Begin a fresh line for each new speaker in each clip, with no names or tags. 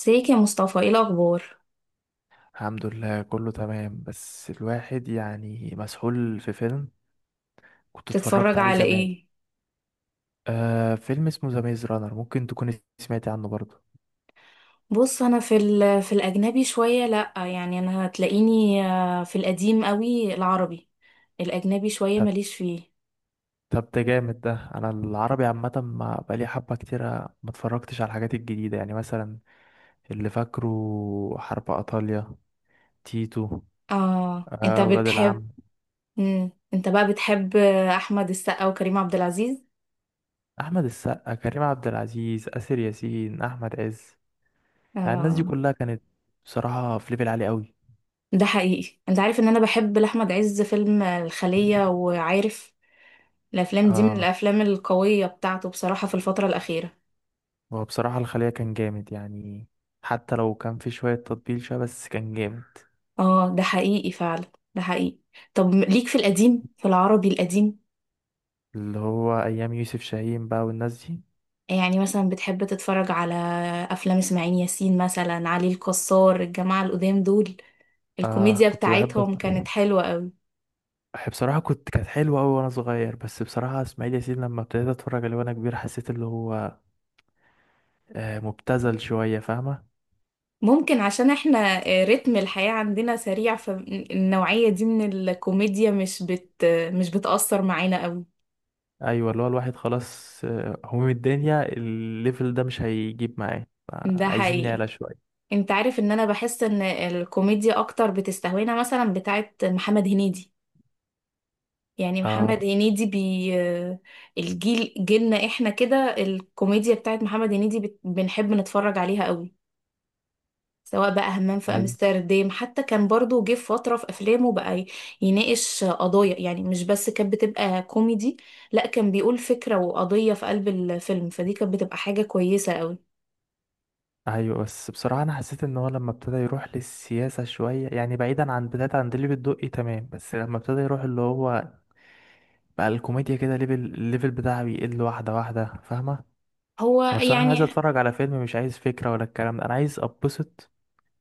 ازيك يا مصطفى؟ ايه الاخبار؟
الحمد لله كله تمام بس الواحد يعني مسحول في فيلم كنت اتفرجت
تتفرج
عليه
على
زمان
ايه؟
فيلم اسمه ذا ميز رانر، ممكن تكون سمعتي عنه برضه.
بص انا في الاجنبي شويه، لا يعني انا هتلاقيني في القديم قوي، العربي الاجنبي شويه
طب
ماليش فيه.
طب. ده جامد ده انا العربي عامة ما بقالي حبة كتيرة، ما اتفرجتش على الحاجات الجديدة. يعني مثلا اللي فاكره حرب ايطاليا، تيتو.
اه انت
آه، ولاد
بتحب؟
العم.
مم. انت بقى بتحب احمد السقا وكريم عبد العزيز؟
احمد السقا، كريم عبد العزيز، آسر ياسين، احمد عز. يعني الناس دي
آه.
كلها كانت بصراحة في ليفل عالي.
ده حقيقي، انت عارف ان انا بحب لاحمد عز فيلم الخليه، وعارف الافلام دي من
قوي.
الافلام القويه بتاعته بصراحه في الفتره الاخيره.
هو بصراحة الخلية كان جامد يعني. حتى لو كان في شوية تطبيل شوية، بس كان جامد.
اه ده حقيقي فعلا، ده حقيقي. طب ليك في القديم، في العربي القديم،
اللي هو أيام يوسف شاهين بقى، والناس دي.
يعني مثلا بتحب تتفرج على افلام اسماعيل ياسين مثلا، علي الكسار، الجماعة القدام دول؟
آه،
الكوميديا
كنت بحب
بتاعتهم
أسمع.
كانت حلوة قوي.
بصراحة كانت حلوة أوي وأنا صغير، بس بصراحة إسماعيل ياسين لما ابتديت أتفرج عليه وأنا كبير، حسيت اللي هو مبتذل شوية، فاهمة.
ممكن عشان احنا رتم الحياة عندنا سريع، فالنوعية دي من الكوميديا مش بتأثر معانا قوي.
أيوة، اللي هو الواحد خلاص هموم الدنيا الليفل ده مش هيجيب معاه.
ده
عايزين
حقيقي.
نعلى شوية.
انت عارف ان انا بحس ان الكوميديا اكتر بتستهوينا مثلا بتاعت محمد هنيدي، يعني محمد
اه،
هنيدي الجيل جيلنا احنا كده الكوميديا بتاعت محمد هنيدي بنحب نتفرج عليها قوي. سواء بقى همام في
أيوة.
امستردام، حتى كان برضو جه في فترة في افلامه بقى يناقش قضايا، يعني مش بس كانت بتبقى كوميدي، لا كان بيقول فكرة وقضية في قلب الفيلم، فدي كانت بتبقى حاجة كويسة قوي.
ايوه، بس بصراحه انا حسيت ان هو لما ابتدى يروح للسياسه شويه، يعني بعيدا عن بدايه عند الليفل الدقي تمام، بس لما ابتدى يروح اللي هو بقى الكوميديا كده الليفل بتاعه بيقل واحده واحده، فاهمه.
هو
انا بصراحه انا عايز
يعني
اتفرج على فيلم، مش عايز فكره ولا الكلام ده، انا عايز اتبسط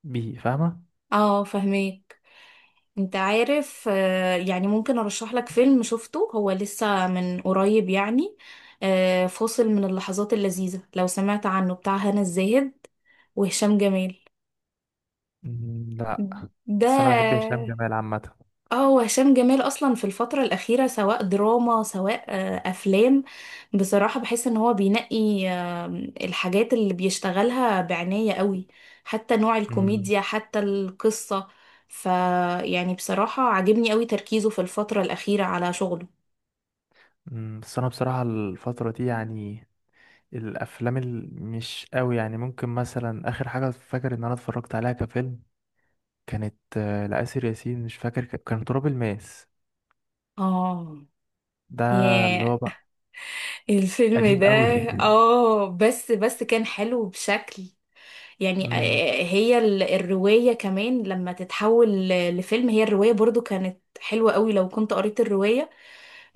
بيه، فاهمه.
اه فاهمين. انت عارف يعني ممكن ارشح لك فيلم شفته هو لسه من قريب، يعني فاصل من اللحظات اللذيذة، لو سمعت عنه، بتاع هنا الزاهد وهشام جمال.
مم، لا. بس انا بحب
ده
هشام جمال عامه.
اه، وهشام جمال اصلا في الفترة الأخيرة سواء دراما سواء افلام، بصراحة بحس ان هو بينقي الحاجات اللي بيشتغلها بعناية قوي، حتى نوع
مم،
الكوميديا، حتى القصة. ف يعني بصراحة عاجبني قوي تركيزه في الفترة الأخيرة على شغله.
مم، بس انا بصراحه الفتره دي يعني الافلام مش قوي يعني. ممكن مثلا اخر حاجه فاكر ان انا اتفرجت عليها كفيلم كانت لآسر ياسين، مش فاكر كان تراب الماس
اه
ده، اللي
ياه،
هو بقى
الفيلم
قديم
ده!
قوي.
اه، بس بس كان حلو بشكل، يعني
امم
هي الرواية كمان لما تتحول لفيلم، هي الرواية برضو كانت حلوة قوي لو كنت قريت الرواية.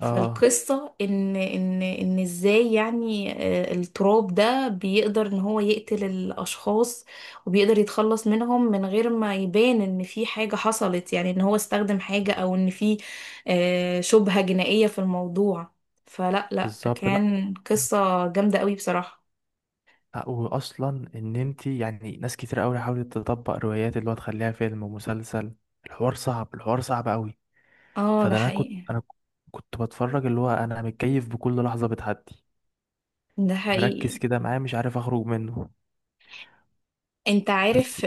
اه،
ان ازاي، يعني التراب ده بيقدر ان هو يقتل الاشخاص، وبيقدر يتخلص منهم من غير ما يبان ان في حاجة حصلت، يعني ان هو استخدم حاجة او ان في شبهة جنائية في الموضوع. فلا لا
بالظبط. لا،
كان قصة جامدة قوي بصراحة.
لا، واصلا ان انت يعني ناس كتير قوي حاولت تطبق روايات اللي هو تخليها فيلم ومسلسل، الحوار صعب، الحوار صعب قوي.
اه ده
فده انا كنت
حقيقي،
انا كنت بتفرج اللي هو انا متكيف بكل لحظة بتعدي،
ده
مركز
حقيقي.
كده معاه مش عارف اخرج منه.
انت
بس
عارف،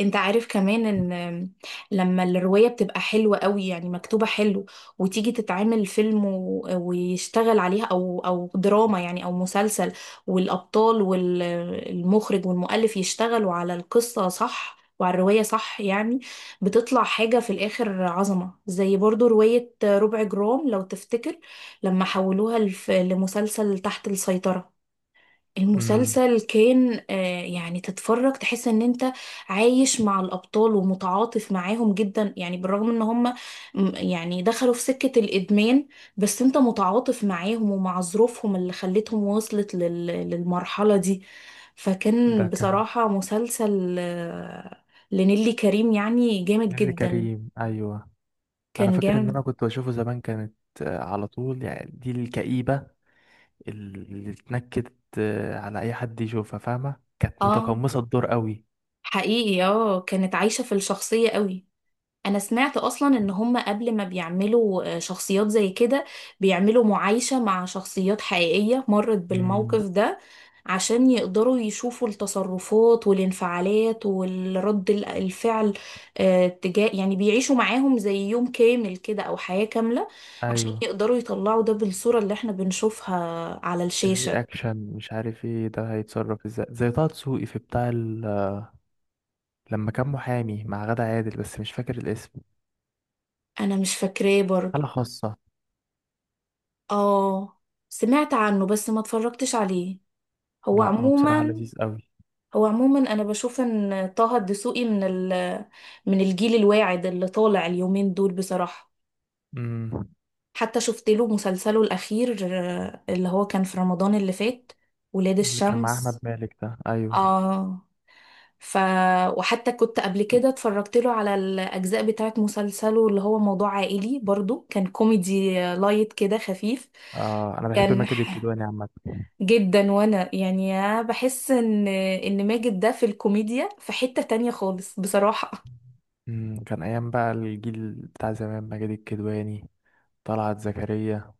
انت عارف كمان ان لما الرواية بتبقى حلوة قوي يعني مكتوبة حلو، وتيجي تتعمل فيلم ويشتغل عليها او دراما يعني او مسلسل، والابطال والمخرج والمؤلف يشتغلوا على القصة صح وعلى الرواية صح، يعني بتطلع حاجة في الآخر عظمة. زي برضو رواية ربع جرام، لو تفتكر، لما حولوها لمسلسل تحت السيطرة،
امم
المسلسل كان يعني تتفرج تحس ان انت عايش مع الابطال ومتعاطف معاهم جدا، يعني بالرغم ان هم يعني دخلوا في سكة الادمان، بس انت متعاطف معاهم ومع ظروفهم اللي خلتهم وصلت للمرحلة دي.
ده
فكان
كان.
بصراحة مسلسل لنيلي كريم يعني جامد
نيللي
جدا،
كريم، ايوه. انا
كان
فاكر ان انا
جامد.
كنت بشوفه زمان، كانت على طول. يعني دي الكئيبة اللي اتنكدت على اي حد يشوفها، فاهمة، كانت
اه
متقمصة الدور قوي.
حقيقي، اه كانت عايشة في الشخصية قوي. انا سمعت اصلا ان هم قبل ما بيعملوا شخصيات زي كده بيعملوا معايشة مع شخصيات حقيقية مرت
مم.
بالموقف ده، عشان يقدروا يشوفوا التصرفات والانفعالات والرد الفعل، تجاه، يعني بيعيشوا معاهم زي يوم كامل كده او حياة كاملة عشان
ايوه.
يقدروا يطلعوا ده بالصورة اللي احنا بنشوفها على الشاشة.
الرياكشن مش عارف ايه، ده هيتصرف ازاي زي طه دسوقي في بتاع لما كان محامي مع غادة عادل، بس مش فاكر الاسم.
انا مش فاكراه برضو،
حالة خاصة.
اه سمعت عنه بس ما اتفرجتش عليه. هو
لا، هو بصراحة
عموما،
لذيذ قوي.
هو عموما انا بشوف ان طه الدسوقي من الجيل الواعد اللي طالع اليومين دول بصراحة.
امم
حتى شفت له مسلسله الاخير اللي هو كان في رمضان اللي فات، ولاد
اللي كان مع احمد
الشمس.
مالك ده، ايوه.
اه ف وحتى كنت قبل كده اتفرجت له على الاجزاء بتاعت مسلسله اللي هو موضوع عائلي، برضو كان كوميدي لايت كده خفيف.
آه، انا بحب
كان
ماجد
ح-
الكدواني عامة.
جدا، وانا يعني بحس ان ماجد ده في الكوميديا في حتة تانية خالص بصراحة.
كان ايام بقى الجيل بتاع زمان، ماجد الكدواني، طلعت زكريا.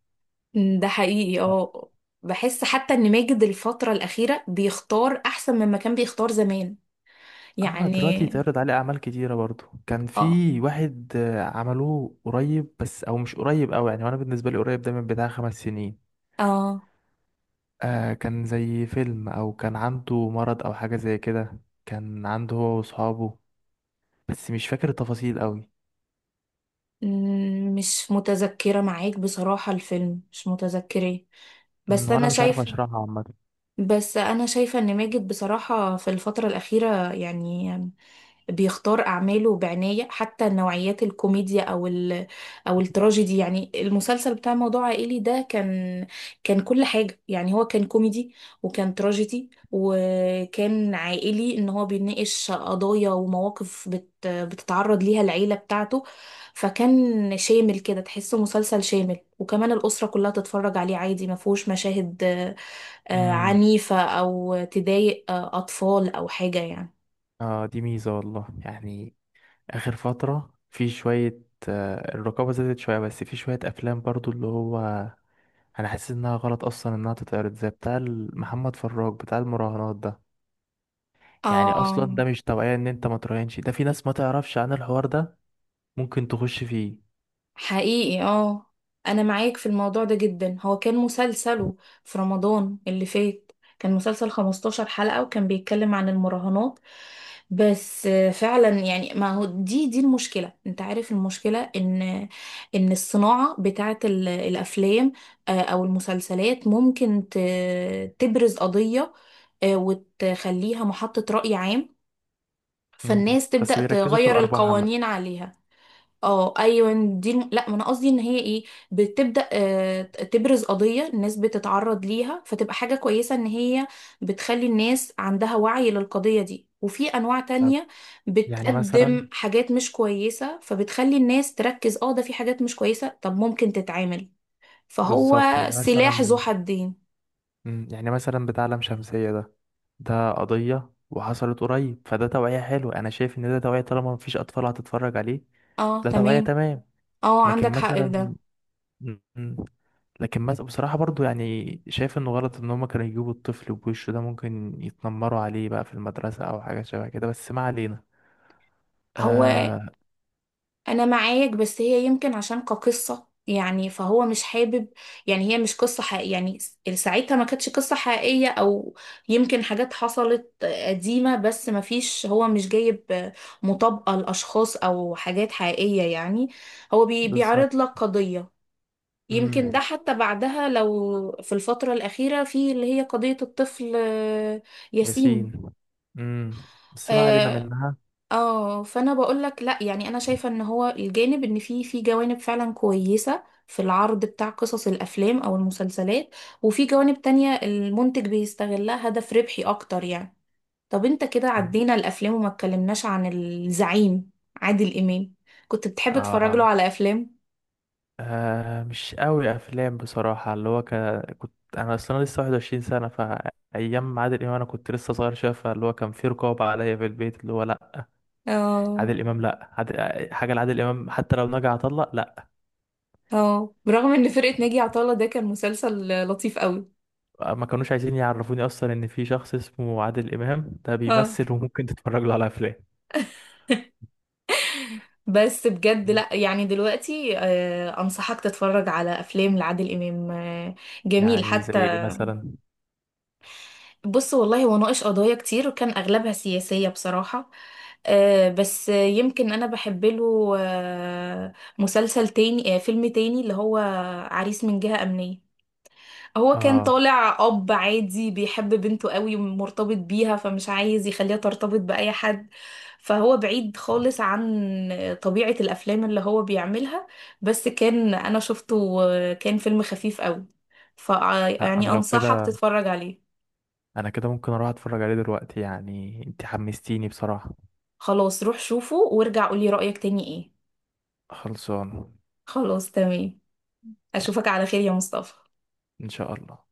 ده حقيقي اه. بحس حتى ان ماجد الفترة الأخيرة بيختار أحسن مما كان بيختار زمان
اه، دلوقتي
يعني.
اتعرض عليه اعمال كتيره برضو. كان
اه
في واحد عملوه قريب، بس او مش قريب قوي يعني، وانا بالنسبه لي قريب ده من بتاع 5 سنين.
اه.
آه، كان زي فيلم او كان عنده مرض او حاجه زي كده. كان عنده هو واصحابه، بس مش فاكر التفاصيل قوي.
مم، مش متذكرة معاك بصراحة، الفيلم مش متذكراه. بس
وانا
أنا
مش عارف
شايفة،
اشرحها عامه.
بس أنا شايفة ان ماجد بصراحة في الفترة الأخيرة يعني بيختار أعماله بعناية، حتى نوعيات الكوميديا أو التراجيدي، يعني المسلسل بتاع موضوع عائلي ده كان، كان كل حاجة يعني، هو كان كوميدي وكان تراجيدي وكان عائلي، إن هو بيناقش قضايا ومواقف بتتعرض ليها العيلة بتاعته. فكان شامل كده، تحسه مسلسل شامل، وكمان الأسرة كلها تتفرج عليه عادي، ما فيهوش مشاهد
امم
عنيفة أو تضايق أطفال أو حاجة يعني.
اه، دي ميزه والله يعني. اخر فتره في شويه، آه، الرقابه زادت شويه، بس في شويه افلام برضو اللي هو انا حاسس انها غلط اصلا انها تتعرض، زي بتاع محمد فراج بتاع المراهنات ده. يعني اصلا
آه
ده مش توعية، ان انت ما تراهنش. ده في ناس ما تعرفش عن الحوار ده، ممكن تخش فيه.
حقيقي، اه انا معاك في الموضوع ده جدا. هو كان مسلسله في رمضان اللي فات كان مسلسل 15 حلقة وكان بيتكلم عن المراهنات. بس فعلا يعني، ما هو دي المشكلة، انت عارف المشكلة ان ان الصناعة بتاعت الافلام او المسلسلات ممكن تبرز قضية وتخليها محطة رأي عام،
مم.
فالناس
بس
تبدأ
بيركزوا في
تغير
الارباح عامة.
القوانين عليها. اه ايوه، لا ما انا قصدي ان هي ايه، بتبدا تبرز قضيه الناس بتتعرض ليها فتبقى حاجه كويسه ان هي بتخلي الناس عندها وعي للقضيه دي، وفي انواع
طب.
تانية
يعني مثلا.
بتقدم حاجات مش كويسه فبتخلي الناس تركز اه ده في حاجات مش كويسه طب ممكن تتعامل. فهو
بالظبط، يعني
سلاح ذو
مثلا.
حدين.
يعني مثلا بتاع لام شمسية ده. ده قضية وحصلت قريب، فده توعية حلوة. انا شايف ان ده توعية طالما مفيش اطفال هتتفرج عليه.
اه
ده توعية
تمام.
تمام.
اه
لكن
عندك حق في ده.
مثلا. مم. لكن بصراحة برضو يعني شايف انه غلط ان هما كانوا يجيبوا الطفل بوشه ده، ممكن يتنمروا عليه بقى في المدرسة او حاجة شبه كده، بس ما علينا.
هو
آه.
انا معاك، بس هي يمكن عشان كقصة يعني فهو مش حابب، يعني هي مش قصة حقيقية يعني، ساعتها ما كانتش قصة حقيقية، او يمكن حاجات حصلت قديمة، بس ما فيش هو مش جايب مطابقة لاشخاص او حاجات حقيقية يعني، هو
بالظبط.
بيعرض لك قضية. يمكن ده
امم
حتى بعدها لو في الفترة الأخيرة، في اللي هي قضية الطفل ياسين.
ياسين. امم بس ما علينا
آه،
منها.
اه فانا بقول لك لا يعني انا شايفه ان هو الجانب ان في جوانب فعلا كويسه في العرض بتاع قصص الافلام او المسلسلات، وفي جوانب تانية المنتج بيستغلها هدف ربحي اكتر يعني. طب انت كده
مم.
عدينا الافلام وما اتكلمناش عن الزعيم، عادل امام. كنت بتحب تتفرج
آه.
له على افلام؟
آه، مش قوي افلام بصراحة اللي هو كنت انا اصلا لسه 21 سنة. فايام عادل امام انا كنت لسه صغير شوية، فاللي هو كان في رقابة عليا في البيت اللي هو لا،
اه
عادل امام لا، حاجة لعادل امام حتى لو نجح اطلق، لا.
اه، برغم ان فرقه ناجي عطا الله ده كان مسلسل لطيف قوي.
ما كانوش عايزين يعرفوني اصلا ان في شخص اسمه عادل امام ده
اه
بيمثل وممكن تتفرج له على افلام.
بس بجد لا، يعني دلوقتي انصحك تتفرج على افلام لعادل امام جميل
يعني زي
حتى.
ايه مثلا.
بص والله هو ناقش قضايا كتير وكان اغلبها سياسية بصراحة، بس يمكن انا بحب له مسلسل تاني، فيلم تاني اللي هو عريس من جهة امنية. هو كان
اه.
طالع اب عادي بيحب بنته قوي ومرتبط بيها فمش عايز يخليها ترتبط بأي حد. فهو بعيد خالص عن طبيعة الافلام اللي هو بيعملها، بس كان انا شفته كان فيلم خفيف قوي، ف
لا،
يعني
انا لو
انصحك
كده،
تتفرج عليه.
انا كده ممكن اروح اتفرج عليه دلوقتي يعني، انت حمستيني بصراحة.
خلاص روح شوفه وارجع قولي رأيك تاني ايه.
خلصان.
خلاص تمام،
يلا،
اشوفك على خير يا مصطفى.
ان شاء الله.